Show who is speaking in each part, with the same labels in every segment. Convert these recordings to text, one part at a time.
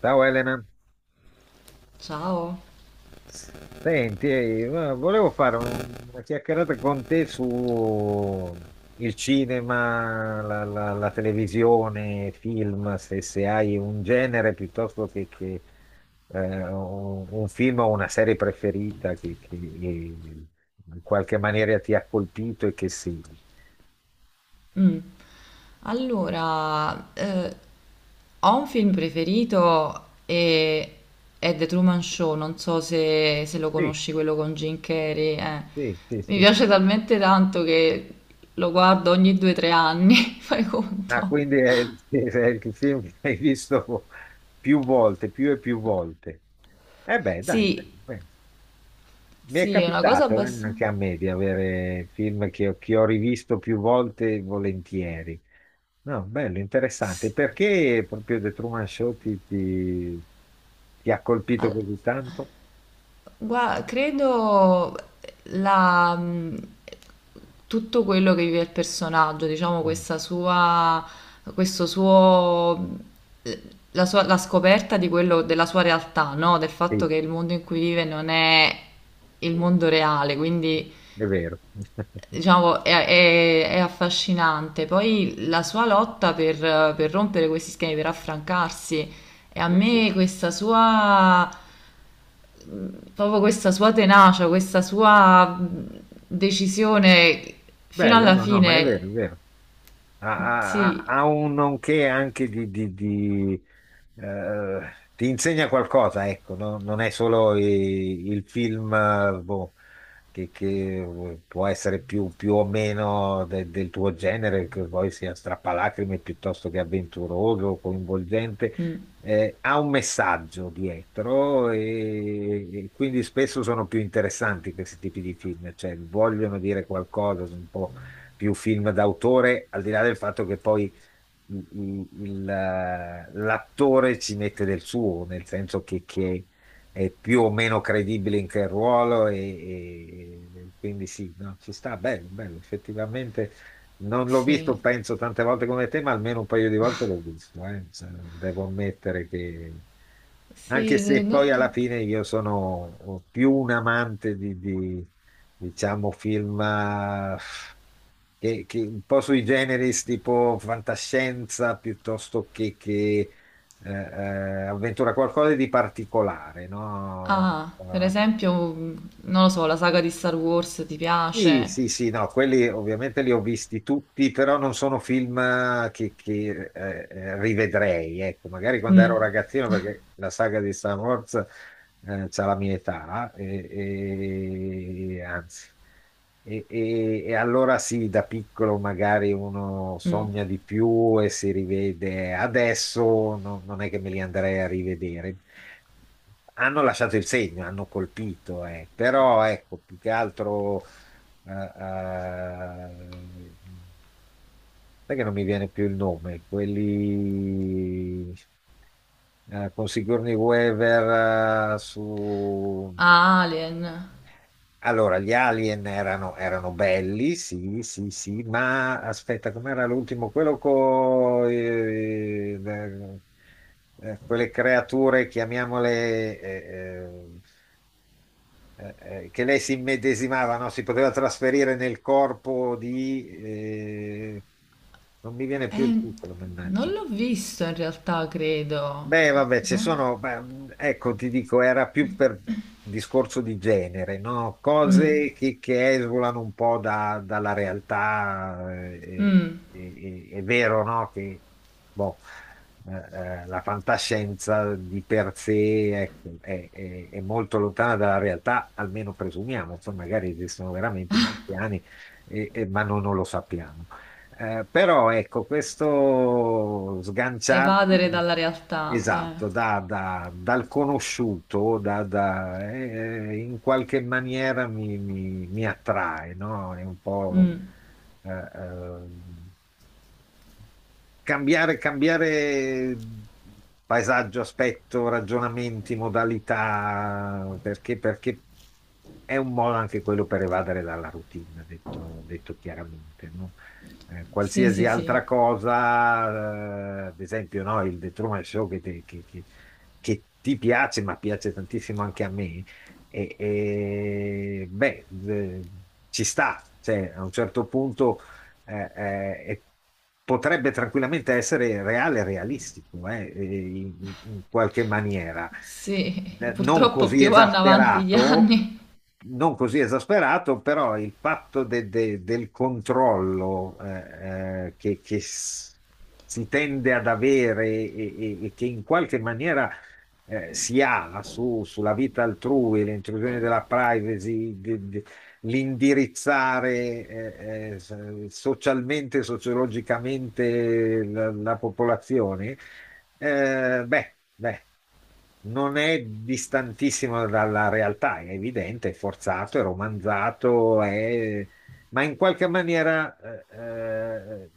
Speaker 1: Ciao Elena,
Speaker 2: Ciao.
Speaker 1: senti, volevo fare una chiacchierata con te su il cinema, la televisione, film, se hai un genere piuttosto che un film o una serie preferita che in qualche maniera ti ha colpito e che sì.
Speaker 2: Mh. Allora, ho un film preferito e è The Truman Show, non so se lo
Speaker 1: Sì,
Speaker 2: conosci, quello con Jim Carrey.
Speaker 1: sì, sì,
Speaker 2: Mi
Speaker 1: sì.
Speaker 2: piace talmente tanto che lo guardo ogni due o tre anni, fai
Speaker 1: Ah,
Speaker 2: conto.
Speaker 1: quindi è il film che hai visto più volte, più e più volte. Eh beh, dai, beh,
Speaker 2: Sì,
Speaker 1: beh. Mi è
Speaker 2: sì, è una cosa
Speaker 1: capitato
Speaker 2: abbastanza...
Speaker 1: anche a me di avere film che ho rivisto più volte e volentieri. No, bello, interessante. Perché proprio The Truman Show ti, ti ha colpito così tanto?
Speaker 2: Gua credo la, mh, tutto quello che vive il personaggio, diciamo
Speaker 1: Mm.
Speaker 2: questa sua, questo suo, la sua, la scoperta della sua realtà, no? Del fatto
Speaker 1: Sì,
Speaker 2: che il mondo in cui vive non è il mondo reale, quindi
Speaker 1: è vero.
Speaker 2: diciamo è affascinante. Poi la sua lotta per rompere questi schemi, per affrancarsi, e a
Speaker 1: Penso.
Speaker 2: me questa sua proprio questa sua tenacia, questa sua decisione fino
Speaker 1: Bello,
Speaker 2: alla
Speaker 1: no, no, ma è
Speaker 2: fine.
Speaker 1: vero, è vero. ha, ha- ha-
Speaker 2: Sì,
Speaker 1: ha un nonché anche di, eh, ti insegna qualcosa, ecco, no? Non è solo il film, boh, che può essere più o meno del tuo genere, che poi sia strappalacrime piuttosto che avventuroso, coinvolgente.
Speaker 2: mm,
Speaker 1: Ha un messaggio dietro e quindi spesso sono più interessanti questi tipi di film, cioè vogliono dire qualcosa, sono un po' più film d'autore, al di là del fatto che poi l'attore ci mette del suo, nel senso che è più o meno credibile in che ruolo e quindi sì, no, ci sta, bello, bello, effettivamente. Non l'ho visto,
Speaker 2: sì,
Speaker 1: penso tante volte come te, ma almeno un paio di volte l'ho visto. Cioè, devo ammettere che,
Speaker 2: sì,
Speaker 1: anche se
Speaker 2: non
Speaker 1: poi alla
Speaker 2: so.
Speaker 1: fine io sono più un amante di, diciamo, film che un po' sui generis, tipo fantascienza piuttosto che, avventura, qualcosa di particolare, no?
Speaker 2: Ah, per
Speaker 1: Eh,
Speaker 2: esempio, mm, non lo so, la saga di Star Wars ti
Speaker 1: sì,
Speaker 2: piace?
Speaker 1: sì, sì, no, quelli ovviamente li ho visti tutti, però non sono film rivedrei, ecco, magari quando
Speaker 2: Mm,
Speaker 1: ero ragazzino, perché la saga di Star Wars c'ha la mia età, anzi, e allora sì, da piccolo magari uno
Speaker 2: mm.
Speaker 1: sogna di più e si rivede, adesso non è che me li andrei a rivedere. Hanno lasciato il segno, hanno colpito. Però ecco, più che altro eh, eh, sai che non mi viene più il nome, quelli con Sigourney Weaver.
Speaker 2: Ah, Alien.
Speaker 1: Allora, gli Alien erano belli, sì, sì, sì, ma aspetta, com'era l'ultimo? Quello con quelle creature, chiamiamole, eh, che lei si immedesimava, no? Si poteva trasferire nel corpo di, non mi viene più il
Speaker 2: Eh,
Speaker 1: titolo,
Speaker 2: non
Speaker 1: mannaggia.
Speaker 2: l'ho visto in realtà, credo.
Speaker 1: Beh, vabbè, ci
Speaker 2: No?
Speaker 1: sono, beh, ecco, ti dico, era più per discorso di genere, no?
Speaker 2: Mm,
Speaker 1: Cose che esulano un po' dalla realtà. eh,
Speaker 2: mm.
Speaker 1: e- e- è vero, no? Che boh, eh, la fantascienza di per sé, ecco, è molto lontana dalla realtà, almeno presumiamo, poi magari esistono veramente i marziani, ma noi non lo sappiamo. Però ecco, questo sganciarti.
Speaker 2: Evadere dalla realtà.
Speaker 1: Esatto, dal conosciuto, in qualche maniera mi attrae, no? È un po'
Speaker 2: Mm.
Speaker 1: eh, eh, cambiare, cambiare paesaggio, aspetto, ragionamenti, modalità, perché è un modo anche quello per evadere dalla routine, detto, detto chiaramente, no? Eh,
Speaker 2: Sì,
Speaker 1: qualsiasi
Speaker 2: sì, sì.
Speaker 1: altra cosa, ad esempio, no, il The Truman Show che, te- che ti piace, ma piace tantissimo anche a me, beh, ci sta, cioè, a un certo punto e potrebbe tranquillamente essere reale e realistico, in qualche maniera.
Speaker 2: Sì,
Speaker 1: Non
Speaker 2: purtroppo
Speaker 1: così
Speaker 2: più vanno avanti gli
Speaker 1: esasperato,
Speaker 2: anni.
Speaker 1: non così esasperato, però il fatto del controllo si tende ad avere e che in qualche maniera si ha sulla vita altrui, l'intrusione della privacy, l'indirizzare socialmente, sociologicamente la popolazione, beh, beh, non è distantissimo dalla realtà, è evidente, è forzato, è romanzato, ma in qualche maniera eh, eh,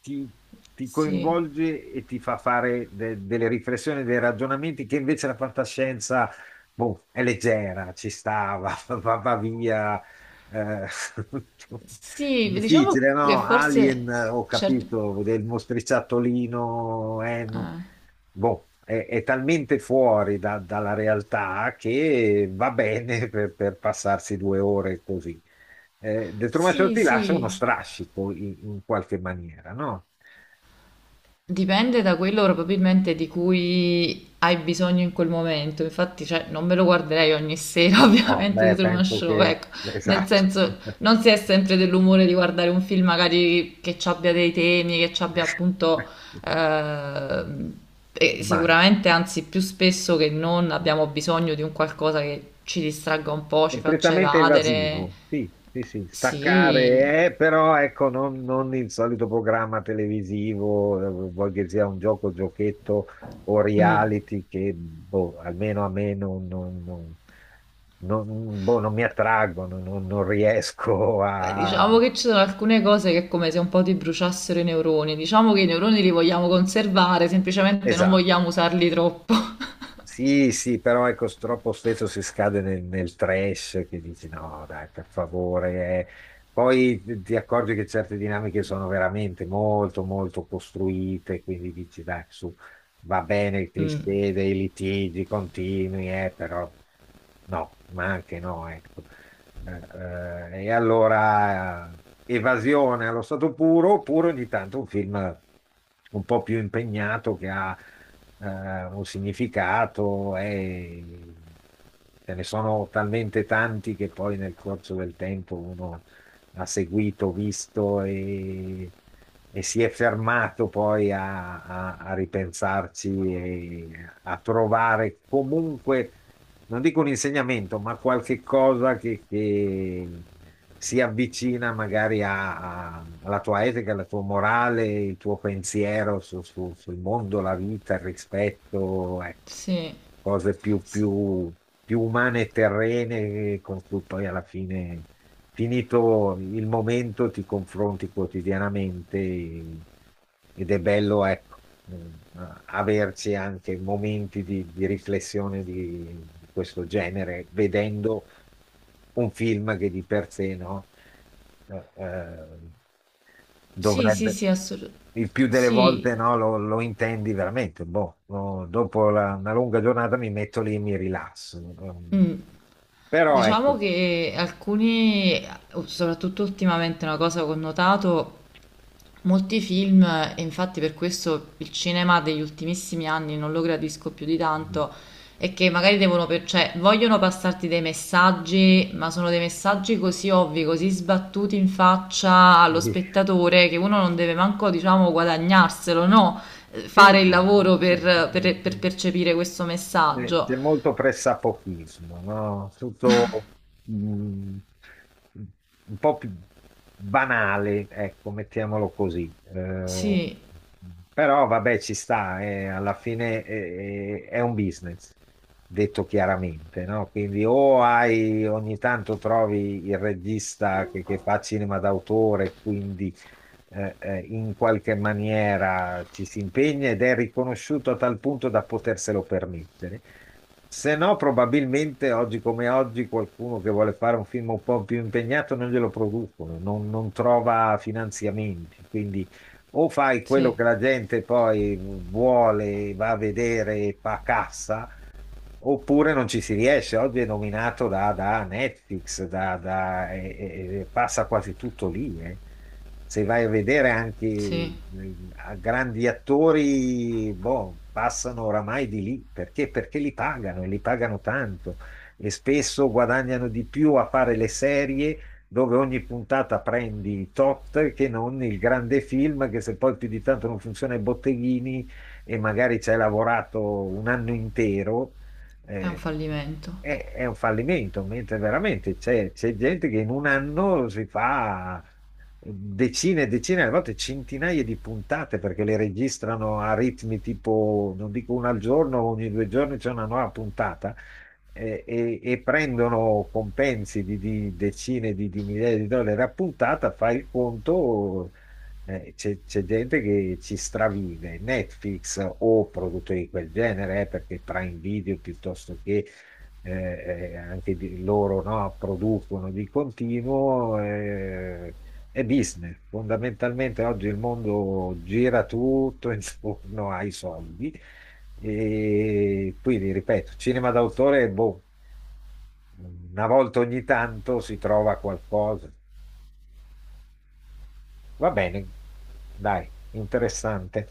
Speaker 1: ti, ti
Speaker 2: Sì,
Speaker 1: coinvolge e ti fa fare delle riflessioni, dei ragionamenti che invece la fantascienza boh, è leggera, ci stava, va via. eh,
Speaker 2: sì, diciamo
Speaker 1: difficile,
Speaker 2: che
Speaker 1: no?
Speaker 2: forse
Speaker 1: Alien, ho
Speaker 2: certi...
Speaker 1: capito, del mostriciattolino,
Speaker 2: eh,
Speaker 1: boh, è talmente fuori dalla realtà che va bene per, passarsi 2 ore così. The Truman Show
Speaker 2: sì,
Speaker 1: ti lascia uno
Speaker 2: sì.
Speaker 1: strascico in qualche maniera, no?
Speaker 2: Dipende da quello probabilmente di cui hai bisogno in quel momento, infatti cioè, non me lo guarderei ogni sera
Speaker 1: No,
Speaker 2: ovviamente The
Speaker 1: beh,
Speaker 2: Truman
Speaker 1: penso
Speaker 2: Show,
Speaker 1: che.
Speaker 2: ecco, nel
Speaker 1: Esatto.
Speaker 2: senso non si è sempre dell'umore di guardare un film magari che ci abbia dei temi, che ci abbia appunto ehm, e
Speaker 1: Immagino.
Speaker 2: sicuramente anzi più spesso che non abbiamo bisogno di un qualcosa che ci distragga un po', ci faccia
Speaker 1: Completamente
Speaker 2: evadere,
Speaker 1: evasivo, sì, sì, sì,
Speaker 2: sì.
Speaker 1: staccare, però ecco, non il solito programma televisivo, vuoi che sia un gioco, giochetto o
Speaker 2: Mm.
Speaker 1: reality che, boh, almeno a me non, boh, non mi attraggono, non riesco
Speaker 2: Beh, diciamo
Speaker 1: a.
Speaker 2: che ci sono alcune cose che è come se un po' ti bruciassero i neuroni. Diciamo che i neuroni li vogliamo conservare, semplicemente non
Speaker 1: Esatto.
Speaker 2: vogliamo usarli troppo.
Speaker 1: Sì, sì, però ecco, troppo spesso si scade nel trash che dici no, dai, per favore. Poi ti accorgi che certe dinamiche sono veramente molto, molto costruite, quindi dici dai, su, va bene il
Speaker 2: Mm,
Speaker 1: cliché dei litigi continui, però no, ma anche no, ecco. Eh, e allora evasione allo stato puro, oppure ogni tanto un film un po' più impegnato che ha un significato e ce ne sono talmente tanti che poi nel corso del tempo uno ha seguito, visto e si è fermato poi a, a ripensarci e a trovare comunque non dico un insegnamento, ma qualche cosa che si avvicina magari alla tua etica, alla tua morale, il tuo pensiero sul mondo, la vita, il rispetto, ecco,
Speaker 2: sì,
Speaker 1: cose più,
Speaker 2: sì,
Speaker 1: più umane e terrene con cui poi alla fine, finito il momento, ti confronti quotidianamente ed è bello, ecco. Mh, a- averci anche momenti di riflessione di questo genere, vedendo un film che di per sé, no? Eh, eh,
Speaker 2: sì, sì, sì,
Speaker 1: dovrebbe,
Speaker 2: assolut-
Speaker 1: il più delle
Speaker 2: Sì,
Speaker 1: volte, no, lo intendi veramente. Boh, no, dopo una lunga giornata mi metto lì e mi rilasso.
Speaker 2: mm.
Speaker 1: Però ecco,
Speaker 2: Diciamo che alcuni, soprattutto ultimamente, una cosa che ho notato. Molti film, e infatti per questo il cinema degli ultimissimi anni non lo gradisco più di
Speaker 1: mm,
Speaker 2: tanto, è che magari cioè, vogliono passarti dei messaggi, ma sono dei messaggi così ovvi, così sbattuti in faccia allo
Speaker 1: sì,
Speaker 2: spettatore che uno non deve manco, diciamo, guadagnarselo, no?
Speaker 1: sì,
Speaker 2: Fare il
Speaker 1: sì,
Speaker 2: lavoro
Speaker 1: sì,
Speaker 2: per
Speaker 1: sì.
Speaker 2: percepire questo
Speaker 1: Eh,
Speaker 2: messaggio.
Speaker 1: C'è molto pressapochismo, no? Tutto mm, un po' più banale, ecco, mettiamolo così.
Speaker 2: Sì,
Speaker 1: Però vabbè, ci sta, alla fine è un business, detto chiaramente, no? Quindi o hai, ogni tanto trovi il regista che fa cinema d'autore, quindi in qualche maniera ci si impegna ed è riconosciuto a tal punto da poterselo permettere. Se no, probabilmente oggi come oggi qualcuno che vuole fare un film un po' più impegnato non glielo producono, non trova finanziamenti. Quindi o fai quello
Speaker 2: sì,
Speaker 1: che la gente poi vuole, va a vedere e fa cassa. Oppure non ci si riesce, oggi è nominato da Netflix, e passa quasi tutto lì. Se vai a vedere anche
Speaker 2: sì,
Speaker 1: a grandi attori, boh, passano oramai di lì perché? Perché li pagano e li pagano tanto e spesso guadagnano di più a fare le serie dove ogni puntata prendi tot che non il grande film che se poi più di tanto non funziona ai botteghini e magari ci hai lavorato un anno intero
Speaker 2: è un
Speaker 1: eh,
Speaker 2: fallimento.
Speaker 1: è un fallimento, mentre veramente c'è gente che in un anno si fa decine e decine, a volte centinaia di puntate perché le registrano a ritmi tipo, non dico una al giorno, ogni 2 giorni c'è una nuova puntata e prendono compensi di decine di migliaia di dollari a puntata, fai il conto, c'è gente che ci stravive, Netflix o produttori di quel genere, perché Prime Video piuttosto che eh, loro no, producono di continuo, è business. Fondamentalmente oggi il mondo gira tutto intorno ai soldi. E quindi, ripeto, cinema d'autore, boh, una volta ogni tanto si trova qualcosa. Va bene, dai, interessante.